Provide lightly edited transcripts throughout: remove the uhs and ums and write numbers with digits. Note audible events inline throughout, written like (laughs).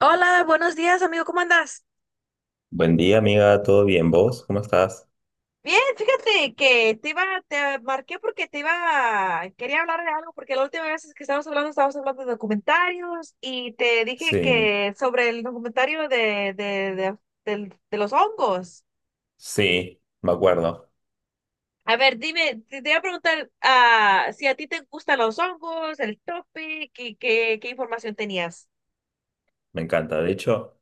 Hola, buenos días, amigo, ¿cómo andas? Buen día, amiga, ¿todo bien? ¿Vos? ¿Cómo estás? Bien, fíjate que te iba, te marqué porque te iba, quería hablar de algo, porque la última vez que estábamos hablando de documentarios y te dije Sí, que sobre el documentario de, de los hongos. sí, me acuerdo, A ver, dime, te iba a preguntar si a ti te gustan los hongos, el topic y qué información tenías. me encanta. De hecho,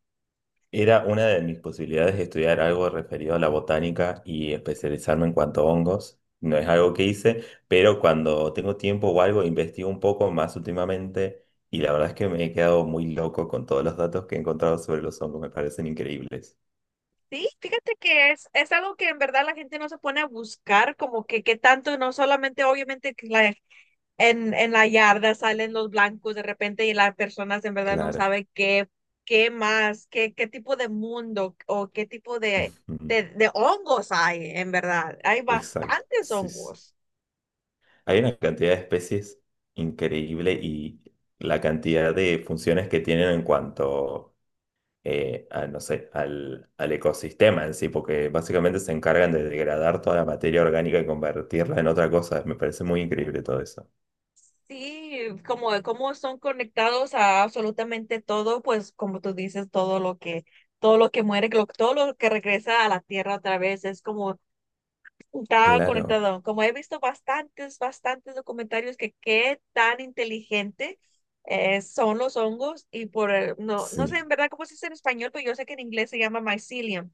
era una de mis posibilidades de estudiar algo referido a la botánica y especializarme en cuanto a hongos. No es algo que hice, pero cuando tengo tiempo o algo, investigo un poco más últimamente y la verdad es que me he quedado muy loco con todos los datos que he encontrado sobre los hongos, me parecen increíbles. Sí, fíjate que es algo que en verdad la gente no se pone a buscar, como que tanto, no solamente obviamente que en la yarda salen los blancos de repente y las personas en verdad no Claro. saben qué tipo de mundo o qué tipo Ujú. De hongos hay, en verdad. Hay Exacto, bastantes sí, sí. hongos. Hay una cantidad de especies increíble y la cantidad de funciones que tienen en cuanto a, no sé, al ecosistema en sí, porque básicamente se encargan de degradar toda la materia orgánica y convertirla en otra cosa. Me parece muy increíble todo eso. Sí, como son conectados a absolutamente todo, pues como tú dices, todo lo todo lo que regresa a la tierra otra vez es como está Claro, conectado. Como he visto bastantes, bastantes documentarios que qué tan inteligente son los hongos y por, el- no, no sé sí. en verdad cómo se dice en español, pero yo sé que en inglés se llama mycelium.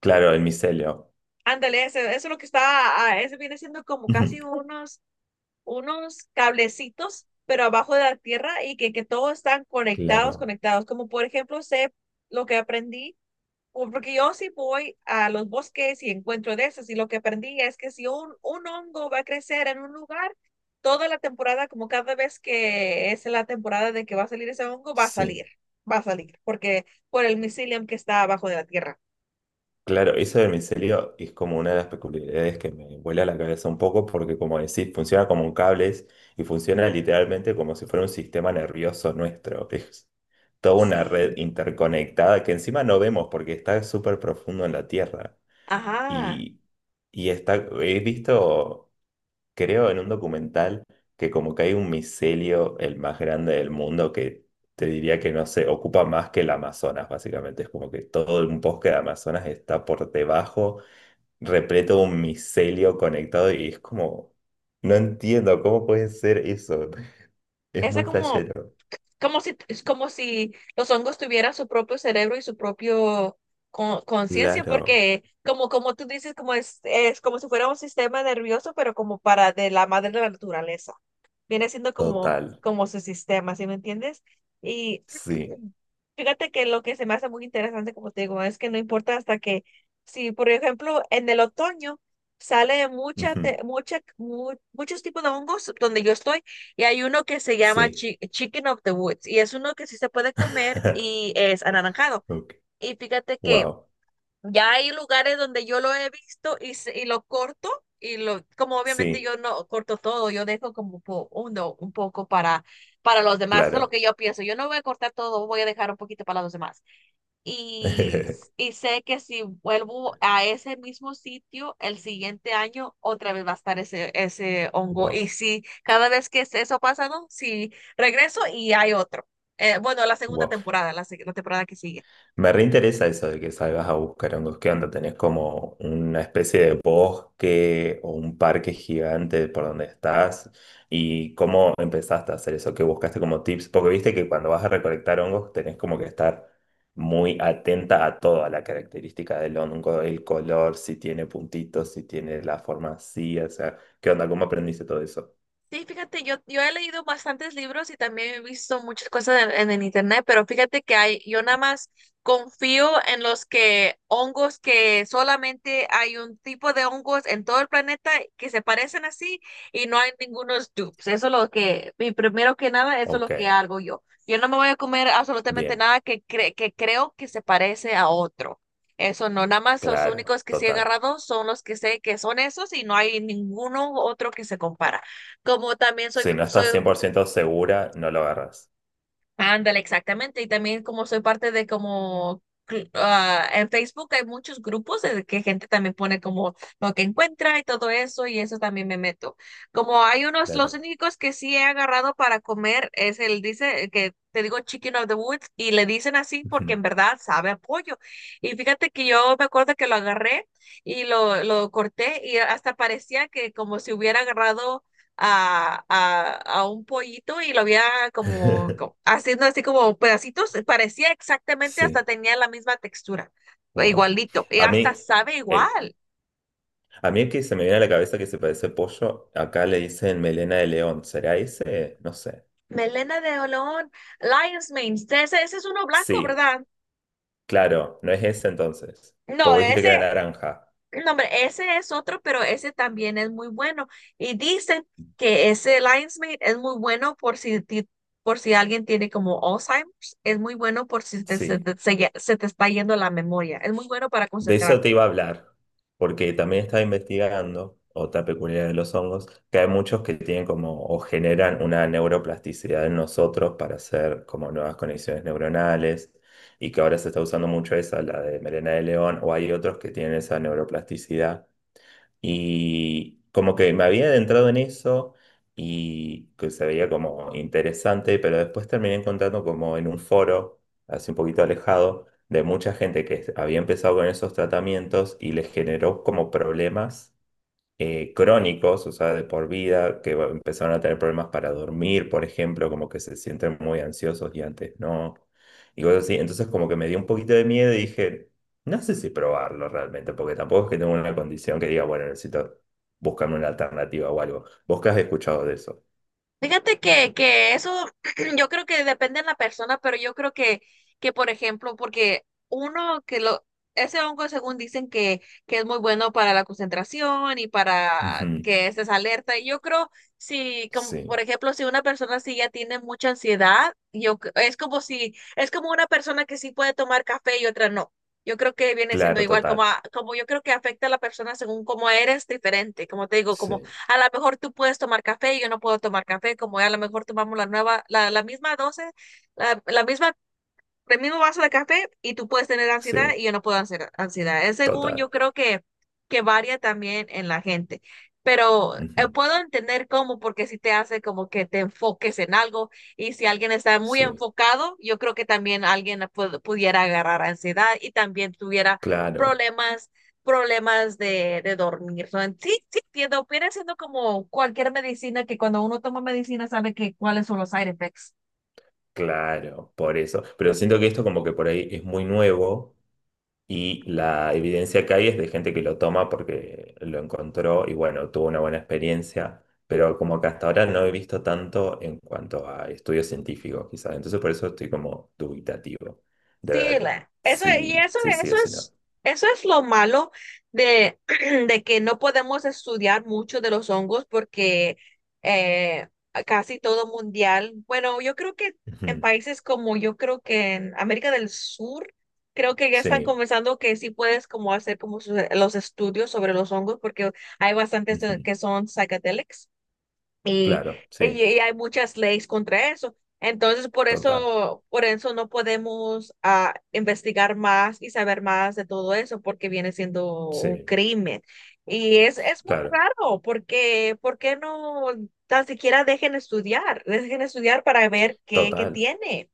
Claro, el micelio. Ándale, eso es lo que está, ese viene siendo como (laughs) casi unos, unos cablecitos, pero abajo de la tierra y que todos están conectados, Claro, conectados. Como por ejemplo, sé lo que aprendí o porque yo sí voy a los bosques y encuentro de esos y lo que aprendí es que si un hongo va a crecer en un lugar, toda la temporada, como cada vez que es la temporada de que va a salir ese hongo, sí. va a salir, porque por el mycelium que está abajo de la tierra. Claro, eso del micelio es como una de las peculiaridades que me vuela la cabeza un poco porque como decís, funciona como un cables y funciona literalmente como si fuera un sistema nervioso nuestro. Es toda una red Sí, interconectada que encima no vemos porque está súper profundo en la tierra. ajá. Y, y está, he visto creo, en un documental que como que hay un micelio, el más grande del mundo, que te diría que no se ocupa más que el Amazonas, básicamente. Es como que todo un bosque de Amazonas está por debajo, repleto de un micelio conectado y es como, no entiendo cómo puede ser eso. (laughs) Es Esa muy como, flashero. como si, es como si los hongos tuvieran su propio cerebro y su propio conciencia, Claro, porque como, como tú dices, como es como si fuera un sistema nervioso, pero como para de la madre de la naturaleza viene siendo como, total, como su sistema, ¿sí me entiendes? Y sí, fíjate que lo que se me hace muy interesante, como te digo, es que no importa hasta que, si por ejemplo en el otoño sale mucha, ujú, te- mucha, mu- muchos tipos de hongos donde yo estoy y hay uno que se llama sí. Chicken of the Woods y es uno que sí se puede comer (laughs) y es anaranjado. Y fíjate que Wow, ya hay lugares donde yo lo he visto y y lo corto y como obviamente sí, yo no corto todo, yo dejo como un poco para los demás, eso es lo claro. que yo pienso. Yo no voy a cortar todo, voy a dejar un poquito para los demás. (laughs) Y sé que si vuelvo a ese mismo sitio el siguiente año, otra vez va a estar ese, ese hongo. Wow, Y si cada vez que eso pasa, ¿no? Si regreso y hay otro. Bueno, la segunda wow. temporada, la temporada que sigue. Me reinteresa eso de que salgas a buscar hongos. ¿Qué onda? ¿Tenés como una especie de bosque o un parque gigante por donde estás? ¿Y cómo empezaste a hacer eso? ¿Qué buscaste como tips? Porque viste que cuando vas a recolectar hongos tenés como que estar muy atenta a toda la característica del hongo, el color, si tiene puntitos, si tiene la forma así, o sea, ¿qué onda? ¿Cómo aprendiste todo eso? Sí, fíjate, yo he leído bastantes libros y también he visto muchas cosas en el internet, pero fíjate que hay, yo nada más confío en los que hongos que solamente hay un tipo de hongos en todo el planeta que se parecen así y no hay ningunos dupes. Eso es lo que, y primero que nada, eso es Ok, lo que hago yo. Yo no me voy a comer absolutamente bien, nada que creo que se parece a otro. Eso no, nada más los claro, únicos que sí he total. agarrado son los que sé que son esos y no hay ninguno otro que se compara como también Si no estás cien soy, por ciento segura, no lo agarras. ándale, exactamente, y también como soy parte de como, en Facebook hay muchos grupos de que gente también pone como lo que encuentra y todo eso, y eso también me meto. Como hay unos, los Claro. únicos que sí he agarrado para comer es el, dice, que te digo Chicken of the Woods, y le dicen así porque en (laughs) verdad sabe a pollo. Y fíjate que yo me acuerdo que lo agarré y lo corté y hasta parecía que como si hubiera agarrado a, a, a un pollito y lo había como, como (laughs) haciendo así como pedacitos, parecía exactamente, hasta Sí, tenía la misma textura, wow. igualito, y A hasta mí, sabe eh, igual. a mí el que se me viene a la cabeza que se parece pollo, acá le dicen melena de león. ¿Será ese? No sé. Melena de olón, Lion's Mane, ese es uno blanco, Sí, ¿verdad? claro, no es ese entonces. Porque No, vos dijiste ese, que era naranja. No, hombre, ese es otro, pero ese también es muy bueno. Y dicen que ese Lion's es muy bueno por si alguien tiene como Alzheimer's, es muy bueno por si te- se, Sí, te, se se te está yendo la memoria, es muy bueno para de eso te concentrarte. iba a hablar, porque también estaba investigando otra peculiaridad de los hongos, que hay muchos que tienen como o generan una neuroplasticidad en nosotros para hacer como nuevas conexiones neuronales y que ahora se está usando mucho esa, la de melena de león, o hay otros que tienen esa neuroplasticidad y como que me había adentrado en eso y que se veía como interesante, pero después terminé encontrando como en un foro, así un poquito alejado, de mucha gente que había empezado con esos tratamientos y les generó como problemas crónicos, o sea, de por vida, que va- empezaron a tener problemas para dormir, por ejemplo, como que se sienten muy ansiosos y antes no, y cosas así. Entonces como que me dio un poquito de miedo y dije, no sé si probarlo realmente, porque tampoco es que tengo una condición que diga, bueno, necesito buscarme una alternativa o algo. ¿Vos qué has escuchado de eso? Fíjate que eso (clears throat) yo creo que depende de la persona, pero yo creo que por ejemplo, porque ese hongo según dicen que es muy bueno para la concentración y para Ujú, que estés alerta. Y yo creo si, como por sí, ejemplo, si una persona sí ya tiene mucha ansiedad, es como si, es como una persona que sí puede tomar café y otra no. Yo creo que viene siendo claro, igual, total. Como yo creo que afecta a la persona según cómo eres diferente, como te digo, como Sí, a lo mejor tú puedes tomar café y yo no puedo tomar café, como ya a lo mejor tomamos la misma dosis, la misma el mismo vaso de café y tú puedes tener ansiedad sí, y yo no puedo hacer ansiedad. Es según yo total. creo que varía también en la gente. Pero Ujú, puedo entender cómo, porque si te hace como que te enfoques en algo y si alguien está muy sí, enfocado, yo creo que también alguien pudiera agarrar ansiedad y también tuviera claro, problemas, problemas de dormir. So, sí, sí, entiendo, viene siendo como cualquier medicina que cuando uno toma medicina sabe que cuáles son los side effects. claro, por eso. Pero siento que esto como que por ahí es muy nuevo. Y la evidencia que hay es de gente que lo toma porque lo encontró y bueno, tuvo una buena experiencia, pero como que hasta ahora no he visto tanto en cuanto a estudios científicos, quizás. Entonces por eso estoy como dubitativo de Sí, ver la- eso, y si eso, sí, sí o eso si no. es, Eso es lo malo de, (clears throat) de que no podemos estudiar mucho de los hongos porque eh, casi todo mundial, bueno, yo creo que en Ujú, países como yo creo que en América del Sur, creo que ya están sí, comenzando que sí puedes como hacer como los estudios sobre los hongos porque hay bastantes ujú, que son psychedelics y, claro, y sí, y hay muchas leyes contra eso. Entonces, total, por eso no podemos investigar más y saber más de todo eso, porque viene siendo un sí, crimen. Y es muy claro, raro, porque ¿por qué no tan siquiera dejen estudiar? Dejen estudiar para ver qué total. tiene.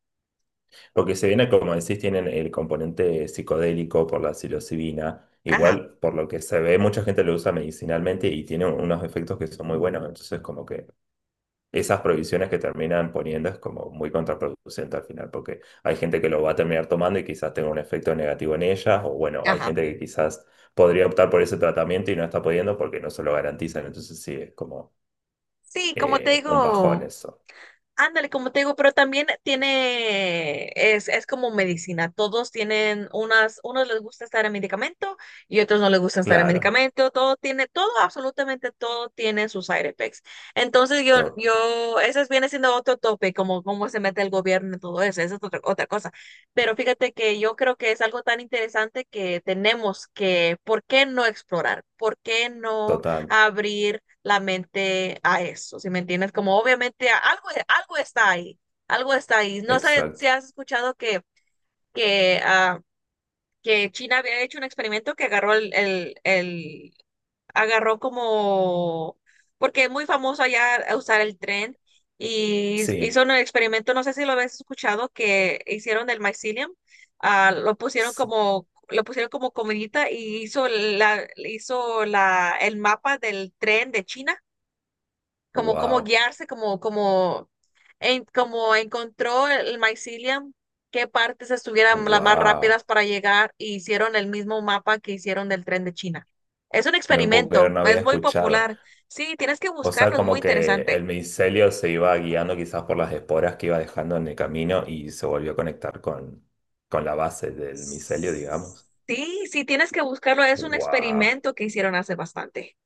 Lo que se viene, como decís, tienen el componente psicodélico por la psilocibina. Ajá, Igual, por lo que se ve, mucha gente lo usa medicinalmente y tiene unos efectos que son muy buenos. Entonces, como que esas prohibiciones que terminan poniendo es como muy contraproducente al final, porque hay gente que lo va a terminar tomando y quizás tenga un efecto negativo en ellas, o bueno, hay ajá. gente que quizás podría optar por ese tratamiento y no está pudiendo porque no se lo garantizan. Entonces, sí, es como Sí, como te un bajón digo. eso. Ándale, como te digo, pero también tiene, es como medicina. Todos tienen unas, unos les gusta estar en medicamento y otros no les gusta estar en Claro, medicamento. Todo tiene, todo, absolutamente todo tiene sus side effects. Entonces to- ese viene siendo otro tope, como cómo se mete el gobierno en todo eso. Esa es otra, otra cosa. Pero fíjate que yo creo que es algo tan interesante que tenemos que, ¿por qué no explorar? ¿Por qué no total, abrir la mente a eso, si me entiendes? Como obviamente algo, algo está ahí, algo está ahí. No sé si exacto. has escuchado que, ah, que China había hecho un experimento que agarró agarró como, porque es muy famoso allá a usar el tren y hizo Sí, un experimento, no sé si lo habías escuchado, que hicieron del mycelium, sí. Lo pusieron como comidita y hizo la el mapa del tren de China como, como Wow, guiarse, como, como, como encontró el mycelium, qué partes estuvieran las más wow. rápidas para llegar y hicieron el mismo mapa que hicieron del tren de China. Es un No puedo creer, experimento, no es había muy escuchado. popular. Sí, tienes que O sea, buscarlo, es muy como que interesante. el micelio se iba guiando quizás por las esporas que iba dejando en el camino y se volvió a conectar con la base del micelio, digamos. Sí, sí, tienes que buscarlo, es un Wow. experimento que hicieron hace bastante.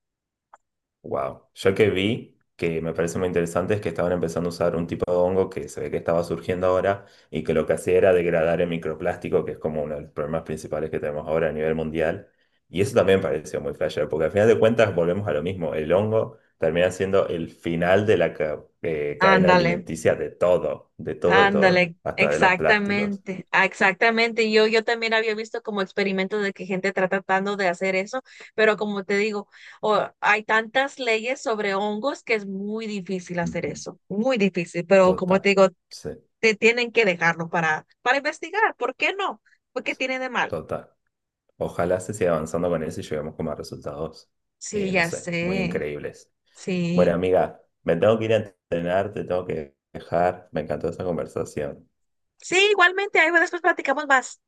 Wow. Yo que vi, que me parece muy interesante, es que estaban empezando a usar un tipo de hongo que se ve que estaba surgiendo ahora y que lo que hacía era degradar el microplástico, que es como uno de los problemas principales que tenemos ahora a nivel mundial. Y eso también me pareció muy flasher porque al final de cuentas volvemos a lo mismo. El hongo termina siendo el final de la cadena Ándale. alimenticia de todo, de todo, de todo, Ándale, hasta de los plásticos. exactamente, exactamente. Yo también había visto como experimentos de que gente está tratando de hacer eso, pero como te digo, hay tantas leyes sobre hongos que es muy difícil hacer Ujú. eso, muy difícil, pero como Total. te digo, Sí, te tienen que dejarlo para investigar, ¿por qué no? ¿Porque sí, tiene de mal? total. Ojalá se siga avanzando con eso y lleguemos como a resultados, Sí, no ya sé, muy sé, increíbles. Bueno, sí. amiga, me tengo que ir a entrenar, te tengo que dejar. Me encantó esta conversación. Sí, igualmente, ahí después platicamos más.